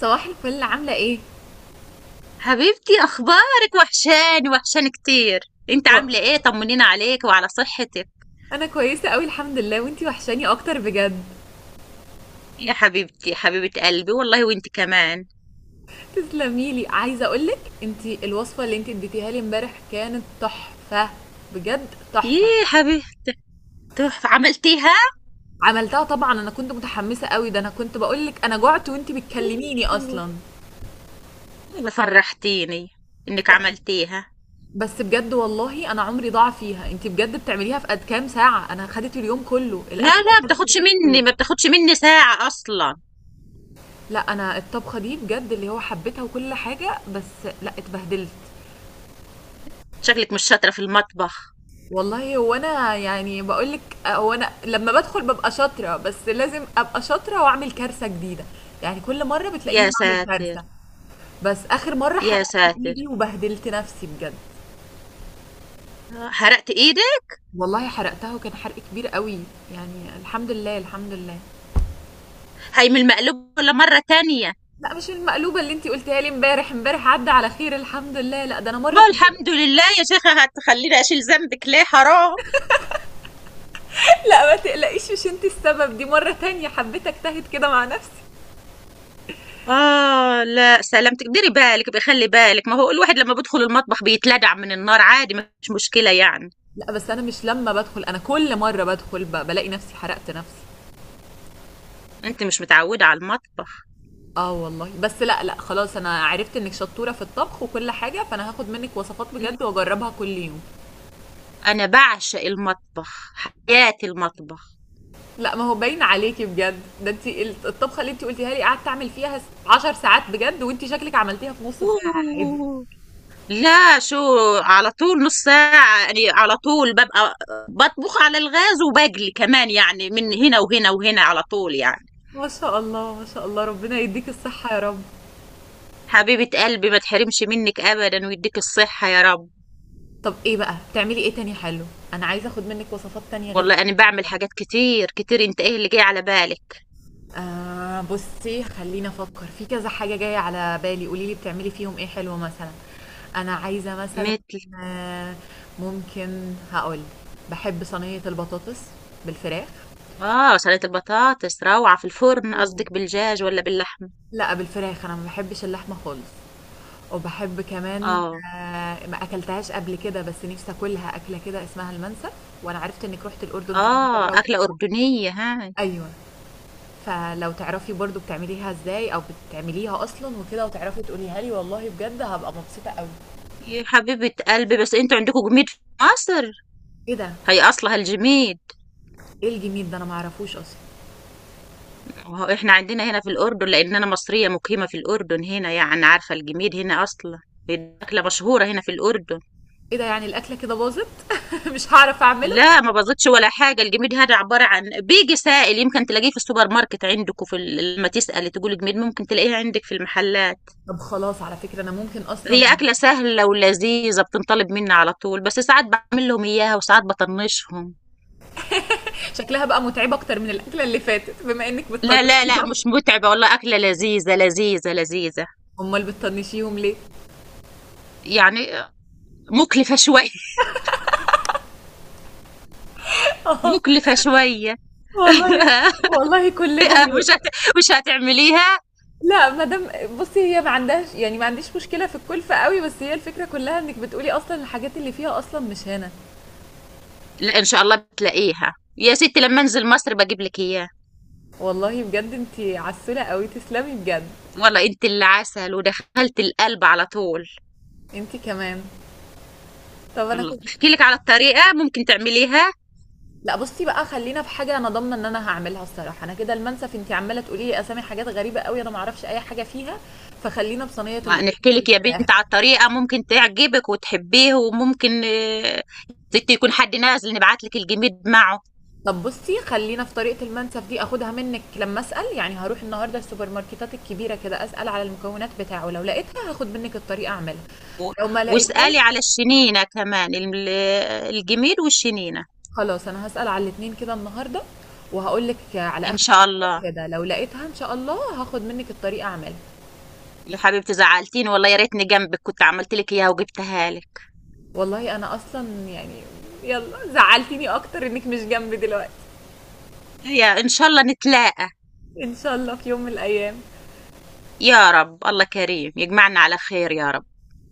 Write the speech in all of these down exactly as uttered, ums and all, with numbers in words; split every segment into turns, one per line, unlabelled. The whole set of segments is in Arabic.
صباح الفل عاملة ايه؟
حبيبتي، اخبارك؟ وحشاني وحشاني كتير. انت
و-
عامله ايه؟ طمنينا عليك وعلى صحتك.
انا كويسة قوي الحمد لله، وانتي وحشاني اكتر بجد.
يا حبيبتي حبيبه قلبي والله، وانت كمان.
تسلمي لي، عايزة اقولك انتي الوصفة اللي انتي اديتيها لي امبارح كانت تحفة. بجد تحفة.
ييه حبيبتي، تحفه عملتيها.
عملتها طبعا، انا كنت متحمسة قوي، ده انا كنت بقولك انا جعت وانتي بتكلميني اصلا.
والله فرحتيني انك عملتيها.
بس بجد والله انا عمري ضاع فيها. انتي بجد بتعمليها في قد كام ساعة؟ انا خدت اليوم كله
لا
الاكل،
لا،
خدت
بتاخدش مني،
كله.
ما بتاخدش مني ساعه اصلا.
لا انا الطبخة دي بجد اللي هو حبيتها وكل حاجة، بس لا اتبهدلت.
شكلك مش شاطره في المطبخ.
والله هو انا يعني بقول لك، هو انا لما بدخل ببقى شاطره، بس لازم ابقى شاطره واعمل كارثه جديده. يعني كل مره بتلاقيني
يا
بعمل
ساتر
كارثه. بس اخر مره حرقت
يا ساتر.
ايدي وبهدلت نفسي بجد.
آه، حرقت ايدك.
والله حرقتها، وكان حرق كبير قوي. يعني الحمد لله الحمد لله.
هي من المقلوب ولا مره تانية؟
لا مش المقلوبه اللي انتي قلتيها لي امبارح، امبارح عدى على خير الحمد لله. لا ده انا مره
والله
كنت.
الحمد لله يا شيخة، هتخليني اشيل ذنبك ليه، حرام.
لا ما تقلقيش، مش انتي السبب، دي مره تانية حبيت اجتهد كده مع نفسي.
آه لا، سلامتك، ديري بالك، بخلي بالك، ما هو الواحد لما بيدخل المطبخ بيتلدع من النار عادي، مش مشكلة يعني.
لا بس انا مش لما بدخل، انا كل مره بدخل ب- بلاقي نفسي حرقت نفسي.
انت مش متعودة على المطبخ.
اه والله، بس لا لا خلاص، انا عرفت انك شطورة في الطبخ وكل حاجة، فانا هاخد منك وصفات
لا،
بجد واجربها كل يوم.
انا بعشق المطبخ، حياتي المطبخ.
لا ما هو باين عليكي بجد، ده انت الطبخة اللي انت قلتيها لي قعدت اعمل فيها عشر ساعات بجد، وانت شكلك عملتيها في نص ساعة عادي.
أوه. لا شو، على طول نص ساعة يعني، على طول ببقى بطبخ على الغاز وبجلي كمان، يعني من هنا وهنا وهنا على طول يعني.
ما شاء الله ما شاء الله، ربنا يديك الصحة يا رب.
حبيبة قلبي، ما تحرمش منك ابدا ويديك الصحة يا رب.
طب ايه بقى بتعملي ايه تاني حلو؟ انا عايزة اخد منك وصفات تانية غير.
والله انا بعمل حاجات كتير كتير، انت ايه اللي جاي على بالك؟
آه بصي خليني افكر في كذا حاجه جايه على بالي، قولي لي بتعملي فيهم ايه حلو مثلا. انا عايزه مثلا،
متل.
آه، ممكن هقول بحب صينيه البطاطس بالفراخ.
اه، سلطة البطاطس روعة في الفرن،
أوه.
قصدك بالدجاج ولا باللحمة؟
لا بالفراخ، انا ما بحبش اللحمه خالص. وبحب كمان،
اه
آه، ما اكلتهاش قبل كده بس نفسي اكلها، اكله كده اسمها المنسف، وانا عرفت انك رحت الاردن كذا
اه،
مره
أكلة
وكده.
أردنية هاي.
ايوه. فلو تعرفي برضو بتعمليها ازاي، او بتعمليها اصلا وكده وتعرفي تقوليها لي، والله بجد هبقى مبسوطة قوي.
يا حبيبة قلبي، بس انتوا عندكم جميد في مصر؟
ايه ده؟
هي أصلها الجميد.
ايه الجميل ده انا معرفوش اصلا.
وهو احنا عندنا هنا في الأردن، لأن أنا مصرية مقيمة في الأردن هنا، يعني عارفة الجميد هنا أصلا. دي أكلة مشهورة هنا في الأردن.
ايه ده، يعني الاكله كده باظت؟ مش هعرف اعمله.
لا ما بزيدش ولا حاجة، الجميد هذا عبارة عن بيجي سائل، يمكن تلاقيه في السوبر ماركت عندكم. في ال- لما تسألي تقولي جميد، ممكن تلاقيه عندك في المحلات.
طب خلاص، على فكرة انا ممكن اصلا.
هي أكلة سهلة ولذيذة، بتنطلب مني على طول، بس ساعات بعمل لهم إياها وساعات بطنشهم.
شكلها بقى متعبة اكتر من الاكلة اللي فاتت بما انك
لا لا لا،
بتطنشيهم.
مش متعبة والله، أكلة لذيذة لذيذة لذيذة.
امال بتطنشيهم ليه؟
يعني مكلفة شوية. مكلفة شوية.
والله. والله كلنا
مش
اليوم.
هت... مش هتعمليها.
لا مدام بصي، هي ما عندهاش يعني، ما عنديش مشكلة في الكلفة قوي، بس هي الفكرة كلها انك بتقولي اصلا الحاجات اللي فيها اصلا مش هنا.
لا إن شاء الله بتلاقيها يا ستي، لما أنزل مصر بجيب لك إياها.
والله بجد انتي عسولة قوي، تسلمي بجد.
والله أنت اللي عسل، ودخلت القلب على طول.
انتي كمان. طب انا
والله
كنت.
أحكي لك على الطريقة ممكن تعمليها.
لا بصي بقى، خلينا في حاجة انا ضامنة ان انا هعملها الصراحة. انا كده المنسف انتي عمالة تقولي لي اسامي حاجات غريبة قوي، انا معرفش اي حاجة فيها. فخلينا بصينية
ما
البطاطس
نحكي لك يا
بالفراخ.
بنت على الطريقة، ممكن تعجبك وتحبيه، وممكن آه، زيت يكون حد نازل نبعت لك الجميد معه.
طب بصي خلينا في طريقة المنسف دي، اخدها منك، لما اسأل يعني، هروح النهاردة السوبر ماركتات الكبيرة كده اسأل على المكونات بتاعه، لو لقيتها هاخد منك الطريقة اعملها.
و-
لو ما لقيتهاش،
واسألي على الشنينة كمان. ال- الجميد والشنينة
خلاص انا هسأل على الاتنين كده النهارده، وهقول لك على
إن
اخر
شاء الله.
النهار كده، لو لقيتها ان شاء الله هاخد منك الطريقه اعملها.
يا حبيبتي زعلتيني والله، يا ريتني جنبك كنت عملت لك إياها وجبتها لك.
والله انا اصلا يعني، يلا زعلتيني اكتر انك مش جنبي دلوقتي.
يا إن شاء الله نتلاقى.
ان شاء الله في يوم من الايام.
يا رب، الله كريم يجمعنا على خير يا رب.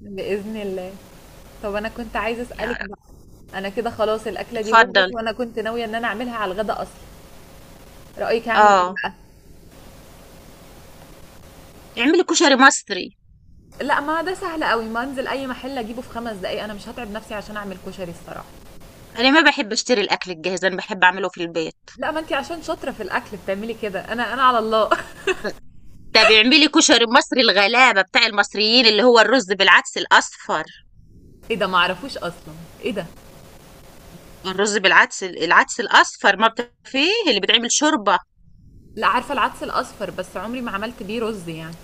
باذن الله. طب انا كنت عايزه
يا
اسالك
رب.
بقى، انا كده خلاص الاكله دي باظت،
اتفضل.
وانا كنت ناويه ان انا اعملها على الغدا اصلا. رايك اعمل ايه
اه،
بقى؟
اعملي كشري مصري.
لا ما ده سهل قوي، ما انزل اي محل اجيبه في خمس دقايق، انا مش هتعب نفسي عشان اعمل كشري الصراحه.
أنا ما بحب أشتري الأكل الجاهز، أنا بحب أعمله في البيت.
لا ما انت عشان شاطره في الاكل بتعملي كده، انا انا على الله.
ده بيعملي لي كشري المصري الغلابة بتاع المصريين، اللي هو الرز بالعدس الأصفر.
ايه ده معرفوش اصلا. ايه ده.
الرز بالعدس، العدس الأصفر ما بت- فيه اللي بتعمل شوربة.
لا عارفه العدس الاصفر، بس عمري ما عملت بيه رز يعني.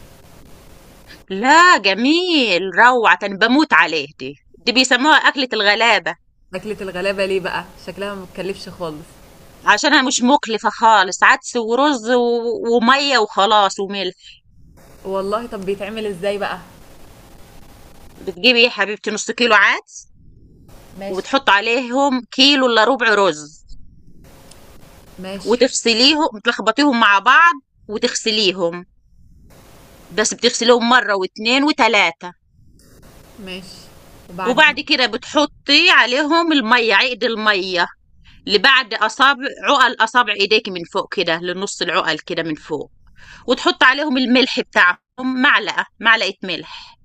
لا جميل، روعة، أنا بموت عليه دي دي بيسموها أكلة الغلابة.
اكلة الغلابه ليه بقى؟ شكلها ما بتكلفش خالص.
عشانها مش مكلفة خالص، عدس ورز و- ومية وخلاص وملح.
والله طب بيتعمل ازاي بقى؟
بتجيبي يا حبيبتي نص كيلو عدس،
ماشي.
وبتحط عليهم كيلو إلا ربع رز،
ماشي.
وتفصليهم تلخبطيهم مع بعض وتغسليهم، بس بتغسليهم مرة واتنين وتلاتة.
ماشي، وبعدين؟
وبعد كده بتحطي عليهم المية، عقد المية لبعد أصابع، عقل أصابع إيديك من فوق كده، لنص العقل كده من فوق. وتحط عليهم الملح بتاعهم، معلقة معلقة ملح،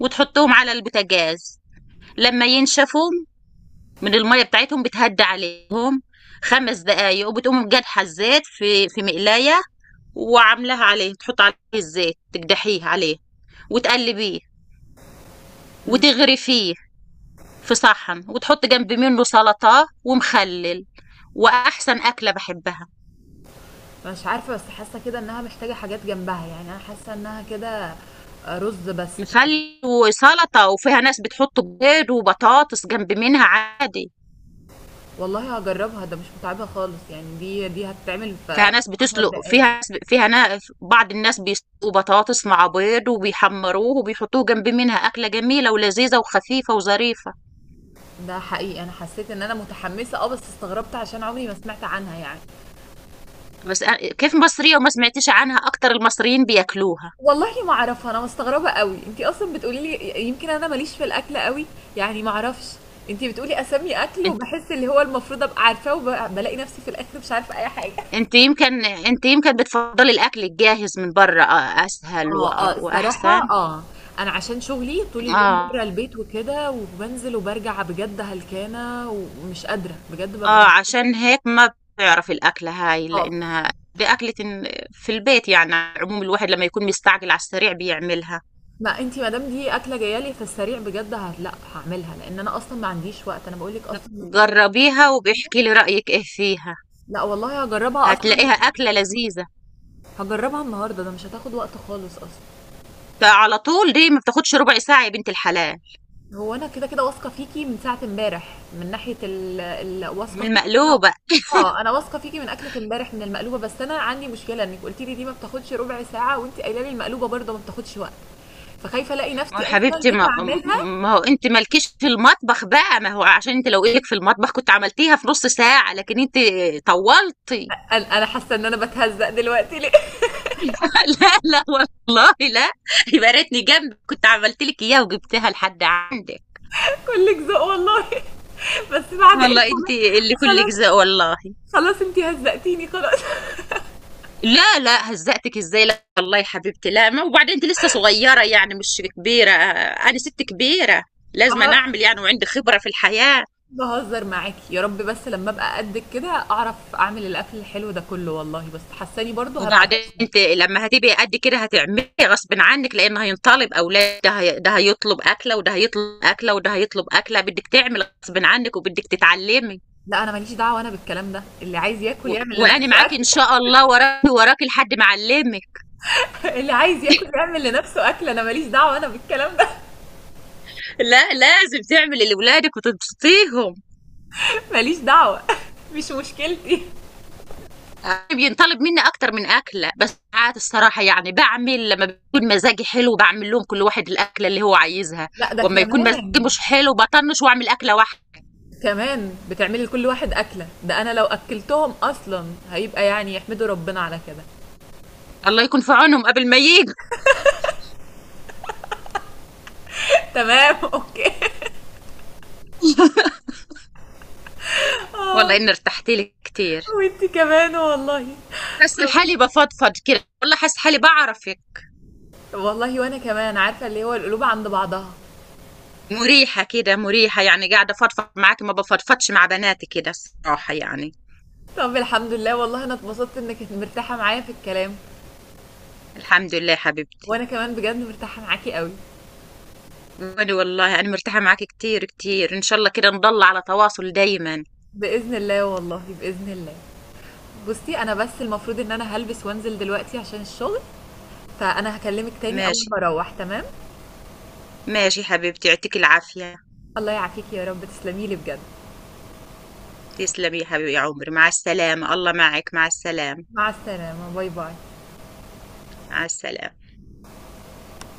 وتحطهم على البوتاجاز. لما ينشفوا من المية بتاعتهم، بتهدى عليهم خمس دقايق، وبتقوم جدحة الزيت في في مقلاية وعاملاها عليه، تحط عليه الزيت تقدحيه عليه وتقلبيه وتغرفيه في صحن، وتحط جنب منه سلطة ومخلل. وأحسن أكلة بحبها،
مش عارفه، بس حاسه كده انها محتاجه حاجات جنبها يعني، انا حاسه انها كده آه، رز بس تقريبا.
مخلل وسلطة، وفيها ناس بتحط بيض وبطاطس جنب منها عادي.
والله هجربها، ده مش متعبه خالص يعني، دي دي هتتعمل في
فيها ناس
عشر
بتسلق،
دقايق
فيها ناس فيها نا... بعض الناس بيسلقوا بطاطس مع بيض وبيحمروه وبيحطوه جنب منها، أكلة جميلة ولذيذة وخفيفة وظريفة.
ده حقيقي انا حسيت ان انا متحمسه، اه بس استغربت عشان عمري ما سمعت عنها يعني.
بس أ- كيف مصرية وما سمعتيش عنها، أكتر المصريين بياكلوها.
والله ما اعرفها، انا مستغربه قوي انتي اصلا بتقولي لي، يمكن انا ماليش في الاكل قوي يعني، ما اعرفش. انتي بتقولي اسامي اكل
انت
وبحس اللي هو المفروض ابقى عارفاه، وبلاقي نفسي في الاخر مش عارفه اي حاجه.
انت يمكن انت يمكن بتفضلي الأكل الجاهز من بره أ- أسهل
اه اه
وأ- وأحسن.
الصراحه اه. انا عشان شغلي طول اليوم
آه،
بره البيت وكده، وبنزل وبرجع بجد هلكانه ومش قادره بجد ببقى
آه،
مش.
عشان هيك ما بتعرف الأكلة هاي،
اه
لأنها بأكلة في البيت. يعني على العموم، الواحد لما يكون مستعجل على السريع بيعملها.
ما انتي مادام دي اكله جايه لي في السريع بجد، هت- لا هعملها، لان انا اصلا ما عنديش وقت، انا بقول لك اصلا من كتر-
جربيها وبيحكي لي رأيك إيه فيها،
لا والله هجربها اصلا.
هتلاقيها أكلة لذيذة.
هجربها النهارده، ده مش هتاخد وقت خالص اصلا.
تا على طول دي ما بتاخدش ربع ساعة يا بنت الحلال.
هو انا كده كده واثقه فيكي من ساعه امبارح من ناحيه ال... ال...
من
واثقه فيكي انا.
المقلوبة.
اه انا واثقه فيكي من اكله امبارح من المقلوبه، بس انا عندي مشكله انك قلتي لي دي ما بتاخدش ربع ساعه، وانت قايله لي المقلوبه برضه ما بتاخدش وقت، فخايفه الاقي
ما هو
نفسي اصلا
حبيبتي،
جيت
ما,
اعملها.
ما هو انت مالكيش في المطبخ بقى، ما هو عشان انت لو ايدك في المطبخ كنت عملتيها في نص ساعة، لكن انت طولتي.
انا أنا حاسه ان انا بتهزق دلوقتي ليه.
لا لا والله لا. يبقى ريتني جنبك، كنت عملت لك اياها وجبتها لحد عندك.
كلك ذوق والله. بس بعد ايه،
والله انت
خلاص.
اللي كلك
خلاص.
زق والله.
خلاص انت هزقتيني خلاص.
لا لا، هزقتك ازاي؟ لا والله يا حبيبتي لا. ما وبعدين انت لسه صغيره يعني، مش كبيره، انا ست كبيره، لازم أنا اعمل يعني، وعندي خبره في الحياه.
بهزر معاكي يا رب، بس لما ابقى قدك كده اعرف اعمل الاكل الحلو ده كله والله، بس حاساني برضو هبقى
وبعدين
فاشله.
انت لما هتبقي قد كده هتعملي غصب عنك، لان هينطلب اولاد، ده هي- ده هيطلب اكله، وده هيطلب اكله، وده هيطلب اكله، بدك تعمل غصب عنك وبدك تتعلمي.
لا انا ماليش دعوه انا بالكلام ده، اللي عايز ياكل
و...
يعمل
وأنا
لنفسه
معاك إن
اكل.
شاء الله، وراكي وراكي لحد ما أعلمك.
اللي عايز ياكل يعمل لنفسه اكل، انا ماليش دعوه انا بالكلام ده.
لا لازم تعملي لولادك وتبسطيهم.
ماليش دعوه. مش مشكلتي.
أنا بينطلب مني أكتر من أكلة، بس ساعات الصراحة يعني بعمل لما بيكون مزاجي حلو، بعمل لهم كل واحد الأكلة اللي هو عايزها،
لا ده
وأما يكون مزاجي
كمان
مش حلو بطنش وأعمل أكلة واحدة.
كمان بتعملي لكل واحد اكله، ده انا لو اكلتهم اصلا هيبقى يعني يحمدوا ربنا على كده.
الله يكون في عونهم قبل ما ييجوا.
تمام اوكي
والله
اه.
إني ارتحت لك كتير،
وانتي كمان والله.
حاسة حالي بفضفض كده والله، حاسة حالي بعرفك،
والله وأنا كمان، عارفة اللي هو القلوب عند بعضها.
مريحة كده، مريحة يعني قاعدة فضفض معاكي، ما بفضفضش مع بناتي كده الصراحة يعني.
طب الحمد لله والله، أنا اتبسطت إنِّك مرتاحة معايا في الكلام،
الحمد لله حبيبتي.
وأنا كمان بجد مرتاحة معاكِ أوي.
وأنا والله أنا مرتاحة معك كتير كتير، إن شاء الله كده نضل على تواصل دايما.
بإذن الله والله، بإذن الله. بُصّي، أنا بس المفروض إن أنا هالبس وأنزل دلوقتي عشان الشغل، فأنا هاكلمِك تاني أول
ماشي،
ما أروّح تمام؟
ماشي حبيبتي، يعطيك العافية.
الله يعافيكِ يا رب، تسلمي لي بجد.
تسلمي يا حبيبي يا عمري، مع السلامة، الله معك، مع السلامة.
مع السلامة، باي، باي.
مع السلامة.